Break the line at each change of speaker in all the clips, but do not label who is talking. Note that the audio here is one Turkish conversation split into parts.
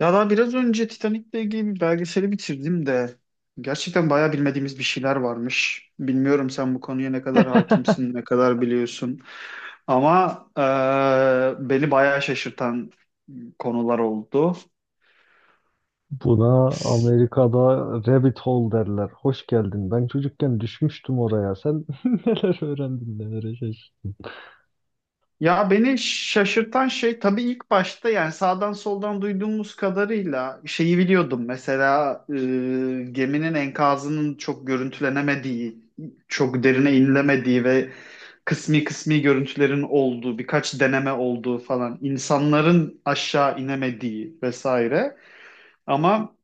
Ya daha biraz önce Titanic'le ilgili bir belgeseli bitirdim de gerçekten bayağı bilmediğimiz bir şeyler varmış. Bilmiyorum sen bu konuya ne kadar hakimsin, ne kadar biliyorsun. Ama Beni bayağı şaşırtan konular oldu.
Buna Amerika'da rabbit hole derler. Hoş geldin. Ben çocukken düşmüştüm oraya. Sen neler öğrendin, neler yaşadın?
Ya beni şaşırtan şey tabii ilk başta yani sağdan soldan duyduğumuz kadarıyla şeyi biliyordum. Geminin enkazının çok görüntülenemediği, çok derine inilemediği ve kısmi kısmi görüntülerin olduğu, birkaç deneme olduğu falan, insanların aşağı inemediği vesaire. Ama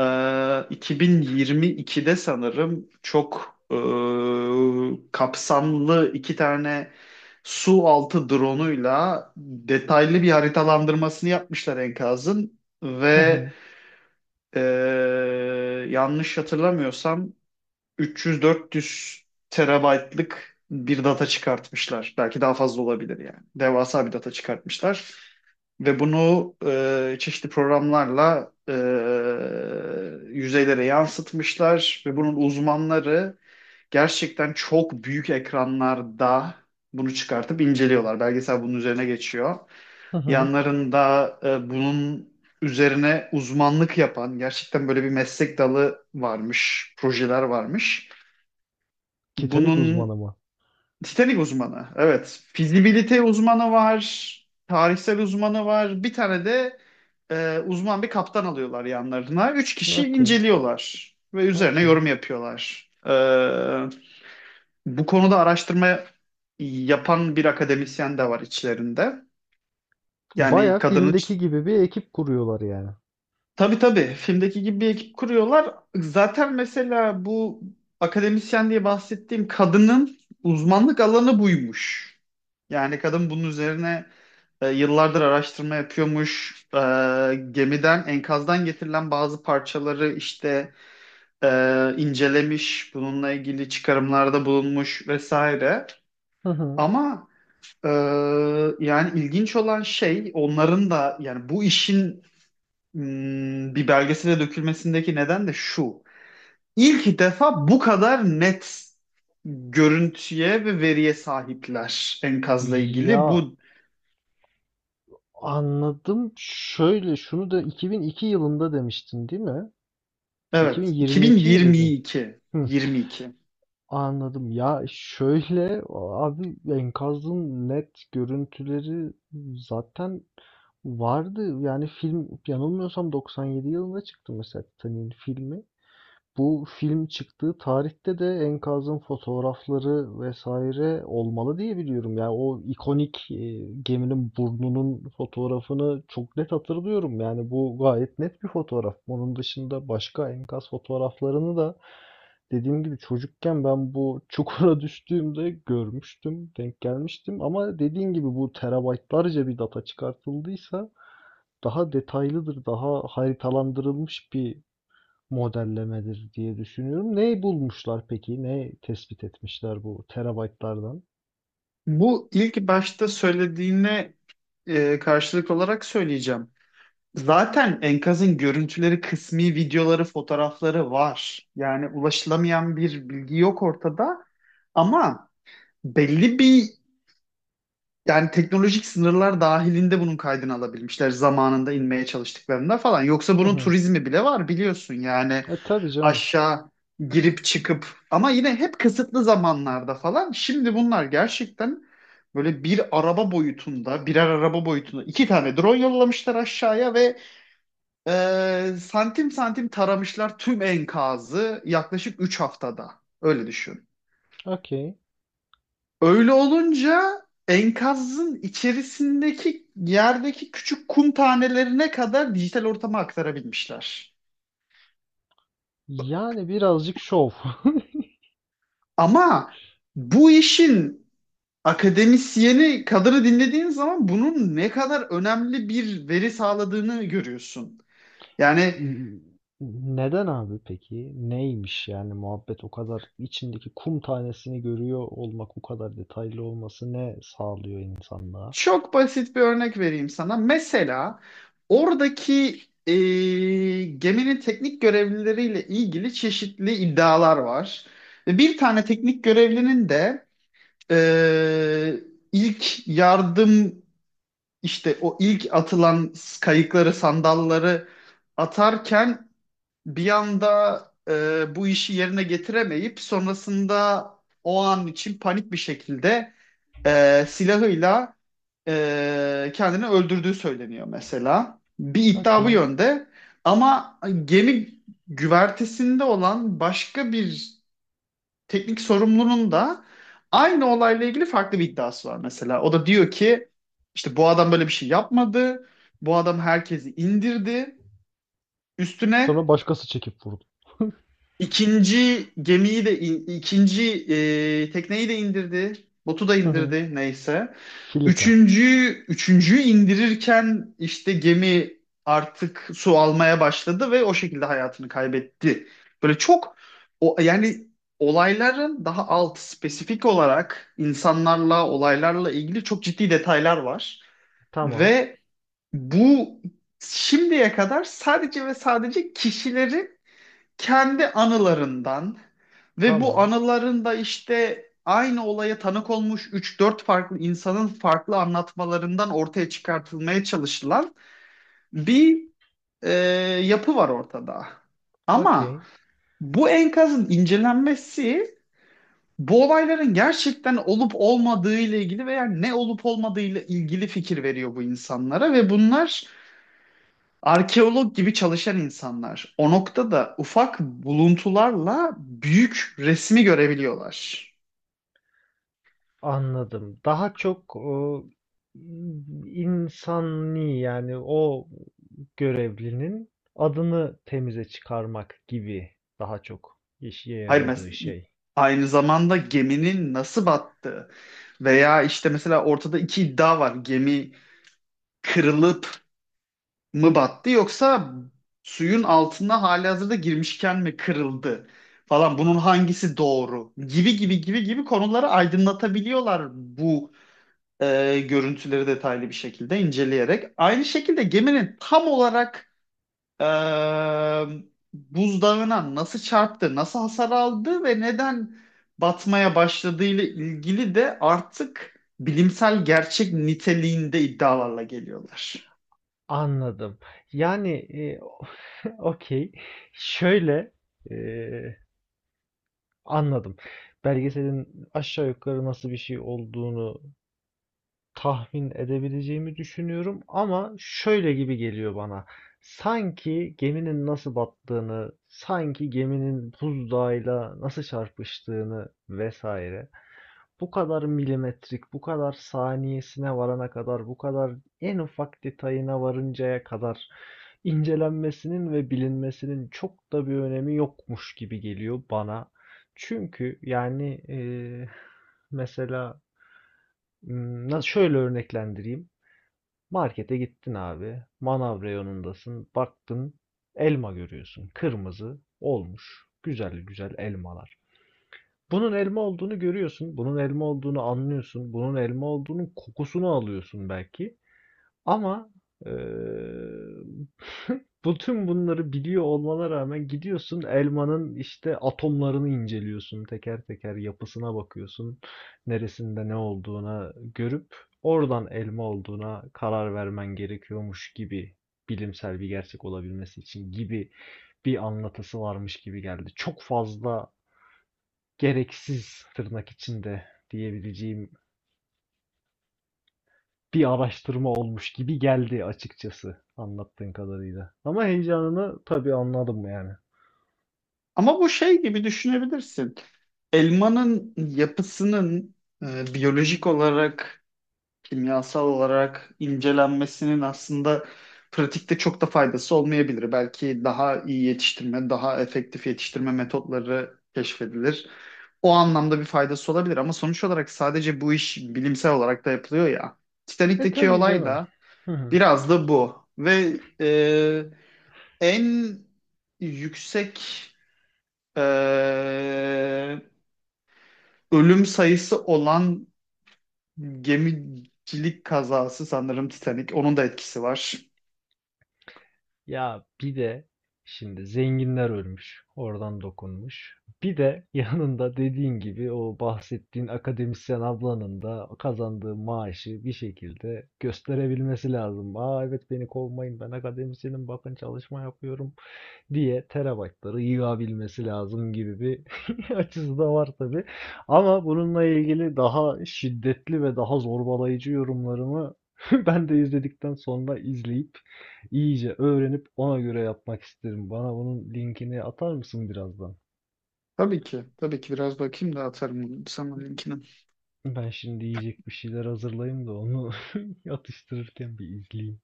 ee, 2022'de sanırım çok kapsamlı iki tane su altı drone'uyla detaylı bir haritalandırmasını yapmışlar enkazın
Hı
ve
hı,
e, yanlış hatırlamıyorsam 300-400 terabaytlık bir data çıkartmışlar. Belki daha fazla olabilir yani. Devasa bir data çıkartmışlar. Ve bunu çeşitli programlarla yüzeylere yansıtmışlar ve bunun uzmanları gerçekten çok büyük ekranlarda bunu çıkartıp inceliyorlar. Belgesel bunun üzerine geçiyor.
hı hı.
Yanlarında bunun üzerine uzmanlık yapan gerçekten böyle bir meslek dalı varmış, projeler varmış.
Titanik
Bunun
uzmanı mı?
Titanik uzmanı. Evet. Fizibilite uzmanı var. Tarihsel uzmanı var. Bir tane de uzman bir kaptan alıyorlar yanlarına. Üç kişi
Okey,
inceliyorlar ve üzerine
okey.
yorum yapıyorlar. Bu konuda araştırma yapan bir akademisyen de var içlerinde. Yani
Baya
kadının işte,
filmdeki gibi bir ekip kuruyorlar yani.
tabii tabii filmdeki gibi bir ekip kuruyorlar. Zaten mesela bu akademisyen diye bahsettiğim kadının uzmanlık alanı buymuş. Yani kadın bunun üzerine yıllardır araştırma yapıyormuş. Gemiden, enkazdan getirilen bazı parçaları işte e, incelemiş, bununla ilgili çıkarımlarda bulunmuş vesaire.
Hı hı.
Ama e, Yani ilginç olan şey onların da yani bu işin bir belgesele dökülmesindeki neden de şu. İlk defa bu kadar net görüntüye ve veriye sahipler enkazla ilgili.
Ya,
Bu
anladım. Şöyle, şunu da 2002 yılında demiştin değil mi?
evet,
2022 mi dedin?
2022,
Hı.
22.
Anladım. Ya, şöyle, abi, enkazın net görüntüleri zaten vardı. Yani film yanılmıyorsam 97 yılında çıktı mesela, Titanic'in filmi. Bu film çıktığı tarihte de enkazın fotoğrafları vesaire olmalı diye biliyorum. Yani o ikonik geminin burnunun fotoğrafını çok net hatırlıyorum. Yani bu gayet net bir fotoğraf. Onun dışında başka enkaz fotoğraflarını da dediğim gibi çocukken ben bu çukura düştüğümde görmüştüm, denk gelmiştim. Ama dediğim gibi bu terabaytlarca bir data çıkartıldıysa daha detaylıdır, daha haritalandırılmış bir modellemedir diye düşünüyorum. Neyi bulmuşlar peki? Ne tespit etmişler bu terabaytlardan?
Bu ilk başta söylediğine karşılık olarak söyleyeceğim. Zaten enkazın görüntüleri, kısmi videoları, fotoğrafları var. Yani ulaşılamayan bir bilgi yok ortada. Ama belli bir yani teknolojik sınırlar dahilinde bunun kaydını alabilmişler zamanında inmeye çalıştıklarında falan. Yoksa
Hı
bunun
hı.
turizmi bile var biliyorsun yani,
E tabii canım.
aşağı girip çıkıp ama yine hep kısıtlı zamanlarda falan. Şimdi bunlar gerçekten böyle bir araba boyutunda, birer araba boyutunda iki tane drone yollamışlar aşağıya ve santim santim taramışlar tüm enkazı yaklaşık 3 haftada. Öyle düşün.
Okey.
Öyle olunca enkazın içerisindeki yerdeki küçük kum tanelerine kadar dijital ortama aktarabilmişler.
Yani birazcık şov.
Ama bu işin akademisyeni kadını dinlediğin zaman bunun ne kadar önemli bir veri sağladığını görüyorsun. Yani
Neden abi peki? Neymiş yani muhabbet, o kadar içindeki kum tanesini görüyor olmak, bu kadar detaylı olması ne sağlıyor insanlığa?
çok basit bir örnek vereyim sana. Mesela oradaki geminin teknik görevlileriyle ilgili çeşitli iddialar var. Ve bir tane teknik görevlinin de Ee, ilk yardım, işte o ilk atılan kayıkları, sandalları atarken bir anda bu işi yerine getiremeyip sonrasında o an için panik bir şekilde silahıyla kendini öldürdüğü söyleniyor mesela. Bir iddia bu
Okey.
yönde ama gemi güvertesinde olan başka bir teknik sorumlunun da aynı olayla ilgili farklı bir iddiası var mesela. O da diyor ki işte bu adam böyle bir şey yapmadı. Bu adam herkesi indirdi. Üstüne
Sonra başkası çekip vurdu.
İkinci gemiyi de ikinci tekneyi de indirdi. Botu da
Hı hı.
indirdi neyse.
Filika.
Üçüncü üçüncüyü indirirken işte gemi artık su almaya başladı ve o şekilde hayatını kaybetti. Böyle çok o yani olayların daha alt spesifik olarak insanlarla olaylarla ilgili çok ciddi detaylar var
Tamam.
ve bu şimdiye kadar sadece ve sadece kişilerin kendi anılarından ve bu
Tamam.
anılarında işte aynı olaya tanık olmuş üç dört farklı insanın farklı anlatmalarından ortaya çıkartılmaya çalışılan bir e, yapı var ortada. Ama
Okey.
bu enkazın incelenmesi bu olayların gerçekten olup olmadığı ile ilgili veya ne olup olmadığı ile ilgili fikir veriyor bu insanlara ve bunlar arkeolog gibi çalışan insanlar o noktada ufak buluntularla büyük resmi görebiliyorlar.
Anladım. Daha çok o insani, yani o görevlinin adını temize çıkarmak gibi daha çok işe
Hayır,
yaradığı
mesela
şey.
aynı zamanda geminin nasıl battığı veya işte mesela ortada iki iddia var. Gemi kırılıp mı battı yoksa suyun altına halihazırda girmişken mi kırıldı falan, bunun hangisi doğru gibi gibi gibi gibi konuları aydınlatabiliyorlar bu görüntüleri detaylı bir şekilde inceleyerek. Aynı şekilde geminin tam olarak e, buzdağına nasıl çarptı, nasıl hasar aldı ve neden batmaya başladığı ile ilgili de artık bilimsel gerçek niteliğinde iddialarla geliyorlar.
Anladım. Yani okey. Şöyle e, anladım. Belgeselin aşağı yukarı nasıl bir şey olduğunu tahmin edebileceğimi düşünüyorum, ama şöyle gibi geliyor bana. Sanki geminin nasıl battığını, sanki geminin buzdağıyla nasıl çarpıştığını vesaire, bu kadar milimetrik, bu kadar saniyesine varana kadar, bu kadar en ufak detayına varıncaya kadar incelenmesinin ve bilinmesinin çok da bir önemi yokmuş gibi geliyor bana. Çünkü yani mesela, nasıl şöyle örneklendireyim. Markete gittin abi. Manav reyonundasın. Baktın, elma görüyorsun. Kırmızı olmuş. Güzel güzel elmalar. Bunun elma olduğunu görüyorsun. Bunun elma olduğunu anlıyorsun. Bunun elma olduğunun kokusunu alıyorsun belki. Ama eee bütün bunları biliyor olmana rağmen gidiyorsun, elmanın işte atomlarını inceliyorsun. Teker teker yapısına bakıyorsun. Neresinde ne olduğuna görüp oradan elma olduğuna karar vermen gerekiyormuş gibi, bilimsel bir gerçek olabilmesi için gibi bir anlatısı varmış gibi geldi. Çok fazla gereksiz, tırnak içinde diyebileceğim bir araştırma olmuş gibi geldi açıkçası anlattığın kadarıyla. Ama heyecanını tabii anladım yani.
Ama bu şey gibi düşünebilirsin. Elmanın yapısının biyolojik olarak, kimyasal olarak incelenmesinin aslında pratikte çok da faydası olmayabilir. Belki daha iyi yetiştirme, daha efektif yetiştirme metotları keşfedilir. O anlamda bir faydası olabilir ama sonuç olarak sadece bu iş bilimsel olarak da yapılıyor ya.
E
Titanik'teki
tabii
olay
canım.
da
Hı hı.
biraz da bu ve en yüksek e, ölüm sayısı olan gemicilik kazası sanırım Titanic. Onun da etkisi var.
Ya bir de şimdi zenginler ölmüş, oradan dokunmuş. Bir de yanında dediğin gibi o bahsettiğin akademisyen ablanın da kazandığı maaşı bir şekilde gösterebilmesi lazım. "Aa evet, beni kovmayın, ben akademisyenim, bakın çalışma yapıyorum," diye terabaytları yığabilmesi lazım gibi bir açısı da var tabi. Ama bununla ilgili daha şiddetli ve daha zorbalayıcı yorumlarımı ben de izledikten sonra, izleyip iyice öğrenip ona göre yapmak isterim. Bana bunun linkini atar mısın birazdan?
Tabii ki. Tabii ki, biraz bakayım da atarım sana linkini.
Ben şimdi yiyecek bir şeyler hazırlayayım da onu atıştırırken bir izleyeyim.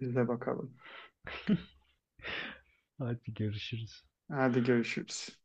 Biz de bakalım.
Hadi, görüşürüz.
Hadi görüşürüz.